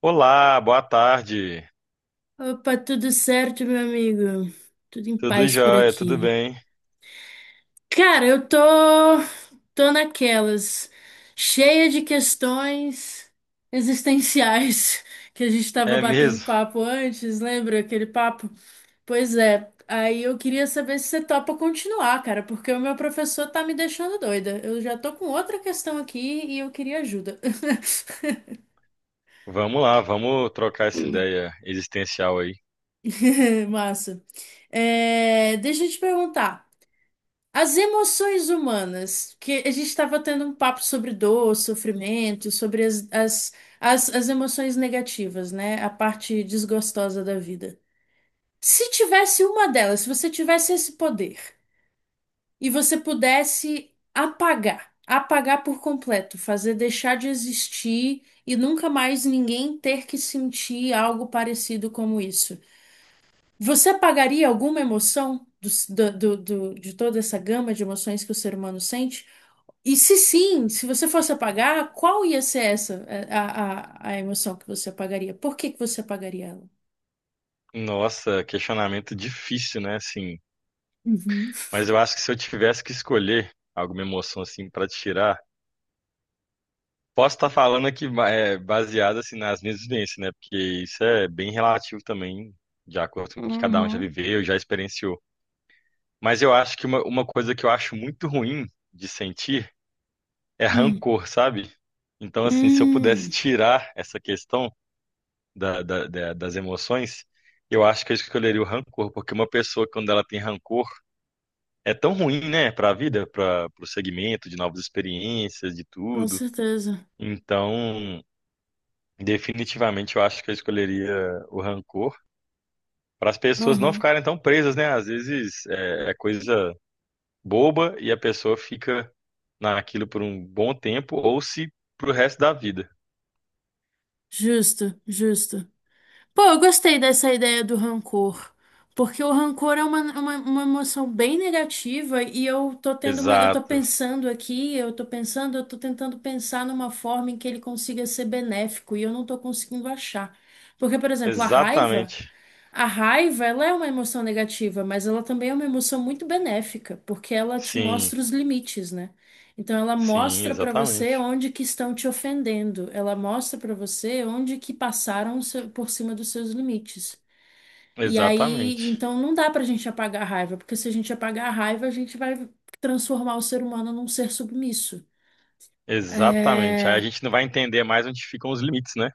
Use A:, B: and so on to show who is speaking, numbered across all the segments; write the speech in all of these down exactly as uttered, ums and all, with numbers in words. A: Olá, boa tarde.
B: Opa, tudo certo, meu amigo? Tudo em
A: Tudo
B: paz por
A: jóia, tudo
B: aqui.
A: bem?
B: Cara, eu tô, tô naquelas, cheia de questões existenciais que a gente tava
A: É
B: batendo
A: mesmo?
B: papo antes, lembra aquele papo? Pois é, aí eu queria saber se você topa continuar, cara, porque o meu professor tá me deixando doida. Eu já tô com outra questão aqui e eu queria ajuda.
A: Vamos lá, vamos trocar essa ideia existencial aí.
B: Massa. É, deixa eu te perguntar. As emoções humanas, que a gente estava tendo um papo sobre dor, sofrimento, sobre as, as, as, as emoções negativas, né? A parte desgostosa da vida. Se tivesse uma delas, se você tivesse esse poder e você pudesse apagar, apagar por completo, fazer deixar de existir e nunca mais ninguém ter que sentir algo parecido como isso, você apagaria alguma emoção do, do, do, do- de toda essa gama de emoções que o ser humano sente? E se sim, se você fosse apagar, qual ia ser essa, a, a, a emoção que você apagaria? Por que que você apagaria ela?
A: Nossa, questionamento difícil, né? Assim,
B: Uhum.
A: mas eu acho que se eu tivesse que escolher alguma emoção assim para tirar, posso estar falando aqui ba- é, baseado assim nas minhas vivências, né? Porque isso é bem relativo também, de acordo com o que cada um já
B: Uhum.
A: viveu, já experienciou. Mas eu acho que uma, uma coisa que eu acho muito ruim de sentir é
B: Hum.
A: rancor, sabe? Então, assim, se eu pudesse
B: Hum.
A: tirar essa questão da- da- da- das emoções, eu acho que eu escolheria o rancor, porque uma pessoa, quando ela tem rancor, é tão ruim, né, para a vida, para o segmento de novas experiências, de
B: Com
A: tudo.
B: certeza.
A: Então, definitivamente, eu acho que eu escolheria o rancor para as pessoas não
B: Uhum.
A: ficarem tão presas, né? Às vezes é é coisa boba e a pessoa fica naquilo por um bom tempo ou se pro resto da vida.
B: Justo, justo. Pô, eu gostei dessa ideia do rancor. Porque o rancor é uma, uma, uma emoção bem negativa e eu tô tendo uma, eu tô
A: Exato.
B: pensando aqui, eu tô pensando, eu tô tentando pensar numa forma em que ele consiga ser benéfico e eu não tô conseguindo achar. Porque, por exemplo, a raiva.
A: Exatamente.
B: A raiva, ela é uma emoção negativa, mas ela também é uma emoção muito benéfica, porque ela te
A: Sim,
B: mostra os limites, né? Então ela
A: sim,
B: mostra pra você
A: exatamente.
B: onde que estão te ofendendo, ela mostra pra você onde que passaram o seu- por cima dos seus limites. E aí,
A: Exatamente.
B: então não dá pra gente apagar a raiva, porque se a gente apagar a raiva, a gente vai transformar o ser humano num ser submisso.
A: Exatamente. Aí a
B: É,
A: gente não vai entender mais onde ficam os limites, né?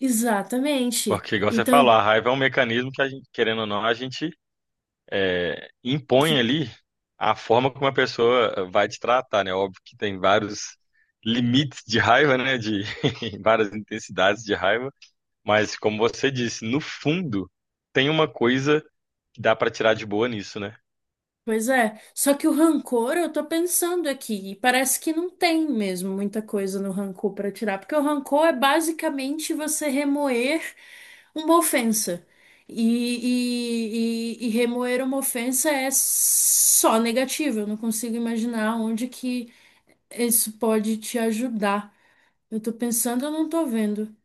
B: exatamente.
A: Porque, igual você falou,
B: Então.
A: a raiva é um mecanismo que a gente, querendo ou não, a gente é, impõe ali a forma como a pessoa vai te tratar, né? Óbvio que tem vários limites de raiva, né? De várias intensidades de raiva. Mas, como você disse, no fundo, tem uma coisa que dá pra tirar de boa nisso, né?
B: Pois é, só que o rancor, eu tô pensando aqui, e parece que não tem mesmo muita coisa no rancor pra tirar, porque o rancor é basicamente você remoer uma ofensa. E, e, e, e remoer uma ofensa é só negativo, eu não consigo imaginar onde que isso pode te ajudar. Eu tô pensando, eu não tô vendo.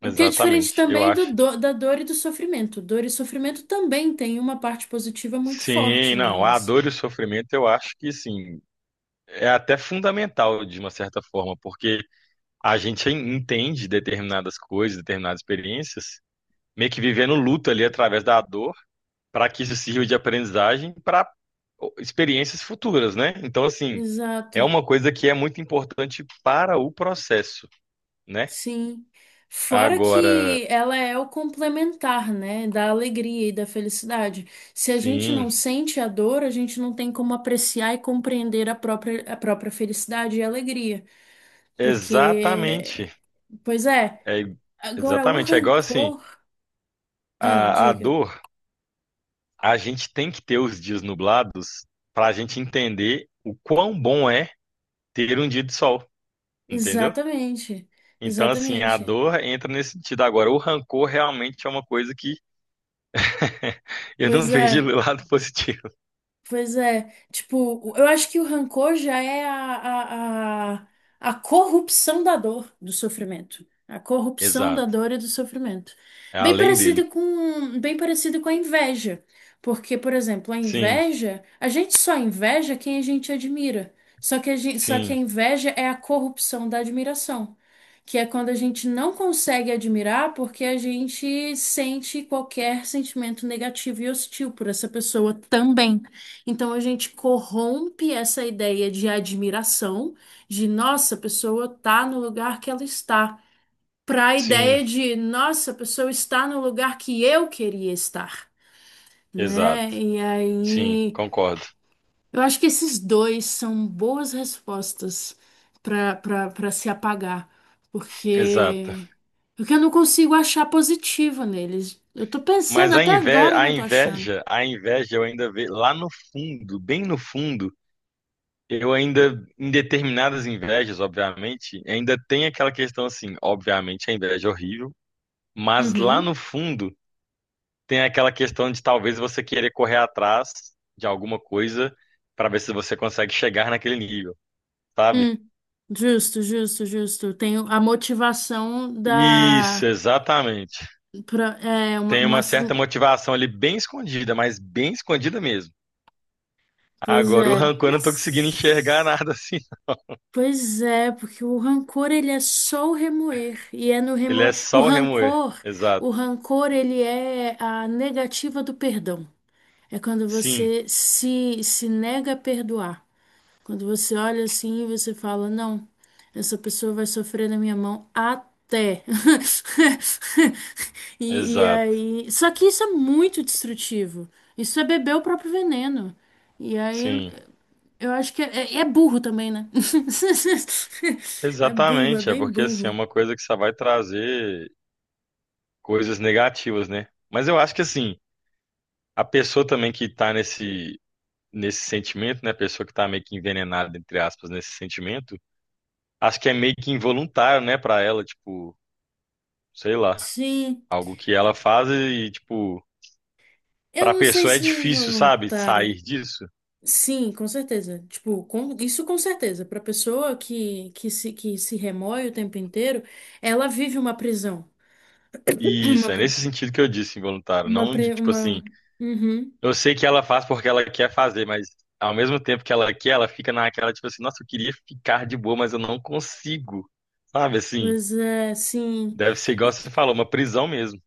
B: O que é diferente
A: Exatamente. Eu
B: também do,
A: acho.
B: do- da dor e do sofrimento. Dor e sofrimento também tem uma parte positiva muito
A: Sim,
B: forte
A: não, a
B: nelas.
A: dor e o sofrimento eu acho que sim, é até fundamental de uma certa forma, porque a gente en- entende determinadas coisas, determinadas experiências, meio que vivendo luto ali através da dor, para que isso sirva de aprendizagem para experiências futuras, né? Então, assim, é
B: Exato,
A: uma coisa que é muito importante para o processo, né?
B: sim. Fora
A: Agora,
B: que ela é o complementar, né, da alegria e da felicidade. Se a gente
A: sim,
B: não sente a dor, a gente não tem como apreciar e compreender a própria, a própria felicidade e alegria. Porque,
A: exatamente,
B: pois é,
A: é
B: agora o
A: exatamente, é igual assim,
B: rancor. Ah,
A: a, a
B: diga.
A: dor a gente tem que ter os dias nublados para a gente entender o quão bom é ter um dia de sol, entendeu?
B: Exatamente,
A: Então, assim, a
B: exatamente.
A: dor entra nesse sentido. Agora, o rancor realmente é uma coisa que eu não
B: Pois
A: vejo
B: é.
A: do lado positivo.
B: Pois é, tipo, eu acho que o rancor já é a, a, a, a corrupção da dor, do sofrimento. A corrupção da
A: Exato.
B: dor e do sofrimento.
A: É
B: Bem
A: além
B: parecido
A: dele.
B: com, bem parecido com a inveja. Porque, por exemplo, a
A: Sim,
B: inveja, a gente só inveja quem a gente admira. Só que a gente, só que a
A: sim,
B: inveja é a corrupção da admiração. Que é quando a gente não consegue admirar porque a gente sente qualquer sentimento negativo e hostil por essa pessoa também. Então a gente corrompe essa ideia de admiração, de nossa, a pessoa tá no lugar que ela está, para a
A: sim,
B: ideia de nossa, a pessoa está no lugar que eu queria estar, né?
A: exato.
B: E
A: Sim,
B: aí,
A: concordo.
B: eu acho que esses dois são boas respostas para para para se apagar,
A: Exato.
B: porque porque eu não consigo achar positiva neles. Eu tô pensando
A: Mas a
B: até
A: inveja,
B: agora, eu
A: a
B: não tô achando.
A: inveja, a inveja eu ainda vejo lá no fundo, bem no fundo, eu ainda, em determinadas invejas, obviamente, ainda tem aquela questão assim, obviamente a inveja é horrível, mas lá
B: Uhum.
A: no fundo tem aquela questão de talvez você querer correr atrás de alguma coisa para ver se você consegue chegar naquele nível, sabe?
B: Hum, justo, justo, justo. Tem a motivação
A: Isso,
B: da.
A: exatamente.
B: Pra, é, uma,
A: Tem
B: uma-.
A: uma certa motivação ali bem escondida, mas bem escondida mesmo.
B: Pois
A: Agora, o
B: é.
A: rancor eu não tô conseguindo enxergar
B: Mas.
A: nada assim.
B: Pois é, porque o rancor ele é só o remoer. E é no
A: Ele
B: remoer.
A: é
B: O
A: só o remoer.
B: rancor, o
A: Exato.
B: rancor ele é a negativa do perdão. É quando
A: Sim,
B: você se, se nega a perdoar. Quando você olha assim e você fala, não, essa pessoa vai sofrer na minha mão até. E, e
A: exato.
B: aí. Só que isso é muito destrutivo. Isso é beber o próprio veneno. E aí.
A: Sim.
B: Eu acho que é, é é burro também, né? É burro, é
A: Exatamente, é
B: bem
A: porque assim, é
B: burro.
A: uma coisa que só vai trazer coisas negativas, né? Mas eu acho que assim, a pessoa também que tá nesse nesse sentimento, né, a pessoa que tá meio que envenenada entre aspas nesse sentimento, acho que é meio que involuntário, né, pra ela, tipo, sei lá,
B: Sim.
A: algo que ela faz e tipo, pra
B: Eu não sei
A: pessoa é
B: se
A: difícil, sabe,
B: voluntário.
A: sair disso.
B: Sim, com certeza. Tipo, com- isso com certeza. Para pessoa que, que se, que se remói o tempo inteiro, ela vive uma prisão.
A: E isso
B: Uma,
A: é
B: pri-
A: nesse sentido que eu disse involuntário,
B: uma,
A: não de
B: pri-
A: tipo
B: uma...
A: assim,
B: Uhum.
A: eu sei que ela faz porque ela quer fazer, mas ao mesmo tempo que ela quer, ela fica naquela, tipo assim, nossa, eu queria ficar de boa, mas eu não consigo. Sabe assim?
B: Pois é, sim.
A: Deve ser igual você falou, uma prisão mesmo.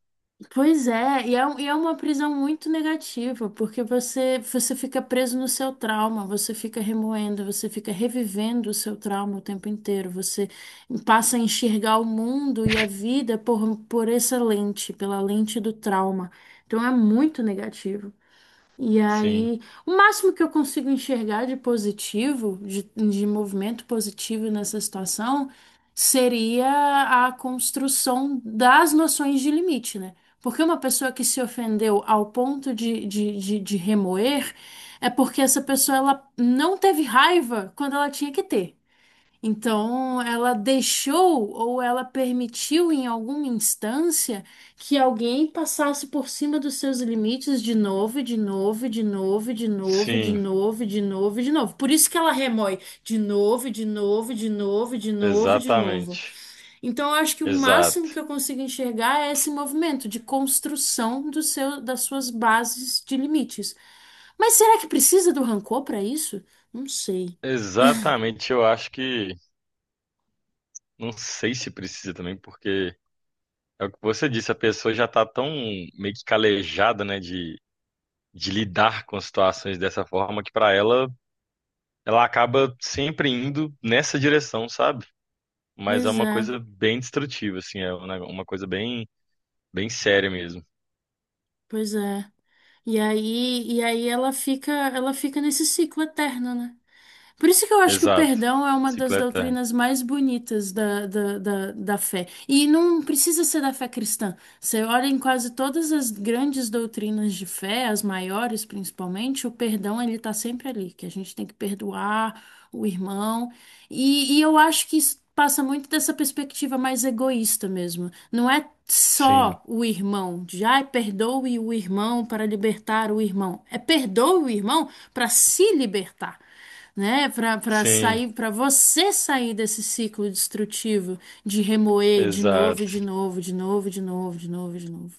B: Pois é, e é, um- e é uma prisão muito negativa, porque você, você fica preso no seu trauma, você fica remoendo, você fica revivendo o seu trauma o tempo inteiro, você passa a enxergar o mundo e a vida por, por essa lente, pela lente do trauma. Então é muito negativo. E
A: Sim,
B: aí, o máximo que eu consigo enxergar de positivo, de, de movimento positivo nessa situação, seria a construção das noções de limite, né? Porque uma pessoa que se ofendeu ao ponto de, de, de, de remoer é porque essa pessoa ela não teve raiva quando ela tinha que ter. Então, ela deixou ou ela permitiu em alguma instância que alguém passasse por cima dos seus limites de novo, e de novo, e de novo, e de novo, e de
A: sim,
B: novo, e de novo, e de novo. Por isso que ela remói de novo, e de novo, e de novo, e de novo, e de novo.
A: exatamente.
B: Então, eu acho que o máximo que
A: Exato.
B: eu consigo enxergar é esse movimento de construção do seu, das suas bases de limites. Mas será que precisa do rancor para isso? Não sei.
A: Exatamente, eu acho que não sei se precisa também, porque é o que você disse, a pessoa já tá tão meio que calejada, né, de, de lidar com situações dessa forma que pra ela ela acaba sempre indo nessa direção, sabe? Mas é
B: Pois
A: uma
B: é.
A: coisa bem destrutiva, assim, é um nego- uma coisa bem, bem séria mesmo.
B: Pois é. E aí, e aí ela fica, ela fica nesse ciclo eterno, né? Por isso que eu acho que o
A: Exato.
B: perdão é uma
A: Ciclo
B: das
A: eterno.
B: doutrinas mais bonitas da, da, da, da fé. E não precisa ser da fé cristã. Você olha em quase todas as grandes doutrinas de fé, as maiores principalmente, o perdão ele está sempre ali, que a gente tem que perdoar o irmão. E, e eu acho que isso passa muito dessa perspectiva mais egoísta mesmo. Não é
A: Sim,
B: só o irmão, de ai, perdoe o irmão para libertar o irmão. É perdoe o irmão para se libertar, né? Para para
A: sim,
B: sair, para você sair desse ciclo destrutivo de remoer de novo, e de
A: exato.
B: novo, de novo, de novo, de novo, de novo.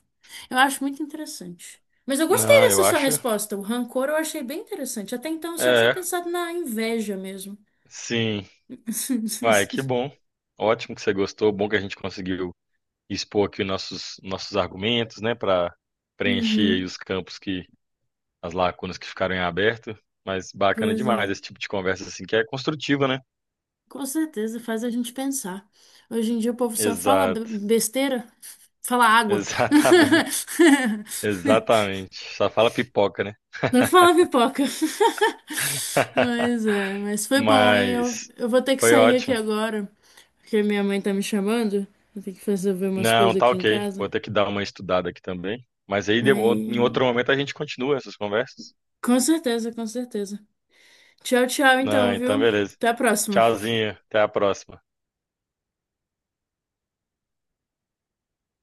B: Eu acho muito interessante. Mas eu gostei
A: Não, eu
B: dessa sua
A: acho.
B: resposta. O rancor eu achei bem interessante. Até então eu só tinha
A: É,
B: pensado na inveja mesmo.
A: sim. Uai, que bom. Ótimo que você gostou. Bom que a gente conseguiu expor aqui os nossos, nossos argumentos, né, para preencher aí
B: Uhum,
A: os campos que, as lacunas que ficaram em aberto. Mas bacana
B: pois é.
A: demais esse tipo de conversa, assim, que é construtiva, né?
B: Com certeza faz a gente pensar. Hoje em dia o povo só fala be-
A: Exato.
B: besteira, fala água.
A: Exatamente. Exatamente. Só fala pipoca, né?
B: Não fala pipoca. Mas é, mas foi bom, hein? Eu,
A: Mas
B: eu vou ter que
A: foi
B: sair aqui
A: ótimo.
B: agora, porque minha mãe tá me chamando. Eu tenho que resolver umas coisas
A: Não, tá
B: aqui em
A: ok.
B: casa.
A: Vou ter que dar uma estudada aqui também. Mas aí de- em
B: Aí,
A: outro momento a gente continua essas conversas.
B: com certeza, com certeza. Tchau, tchau,
A: Não,
B: então,
A: então
B: viu?
A: beleza.
B: Até a próxima.
A: Tchauzinho, até a próxima.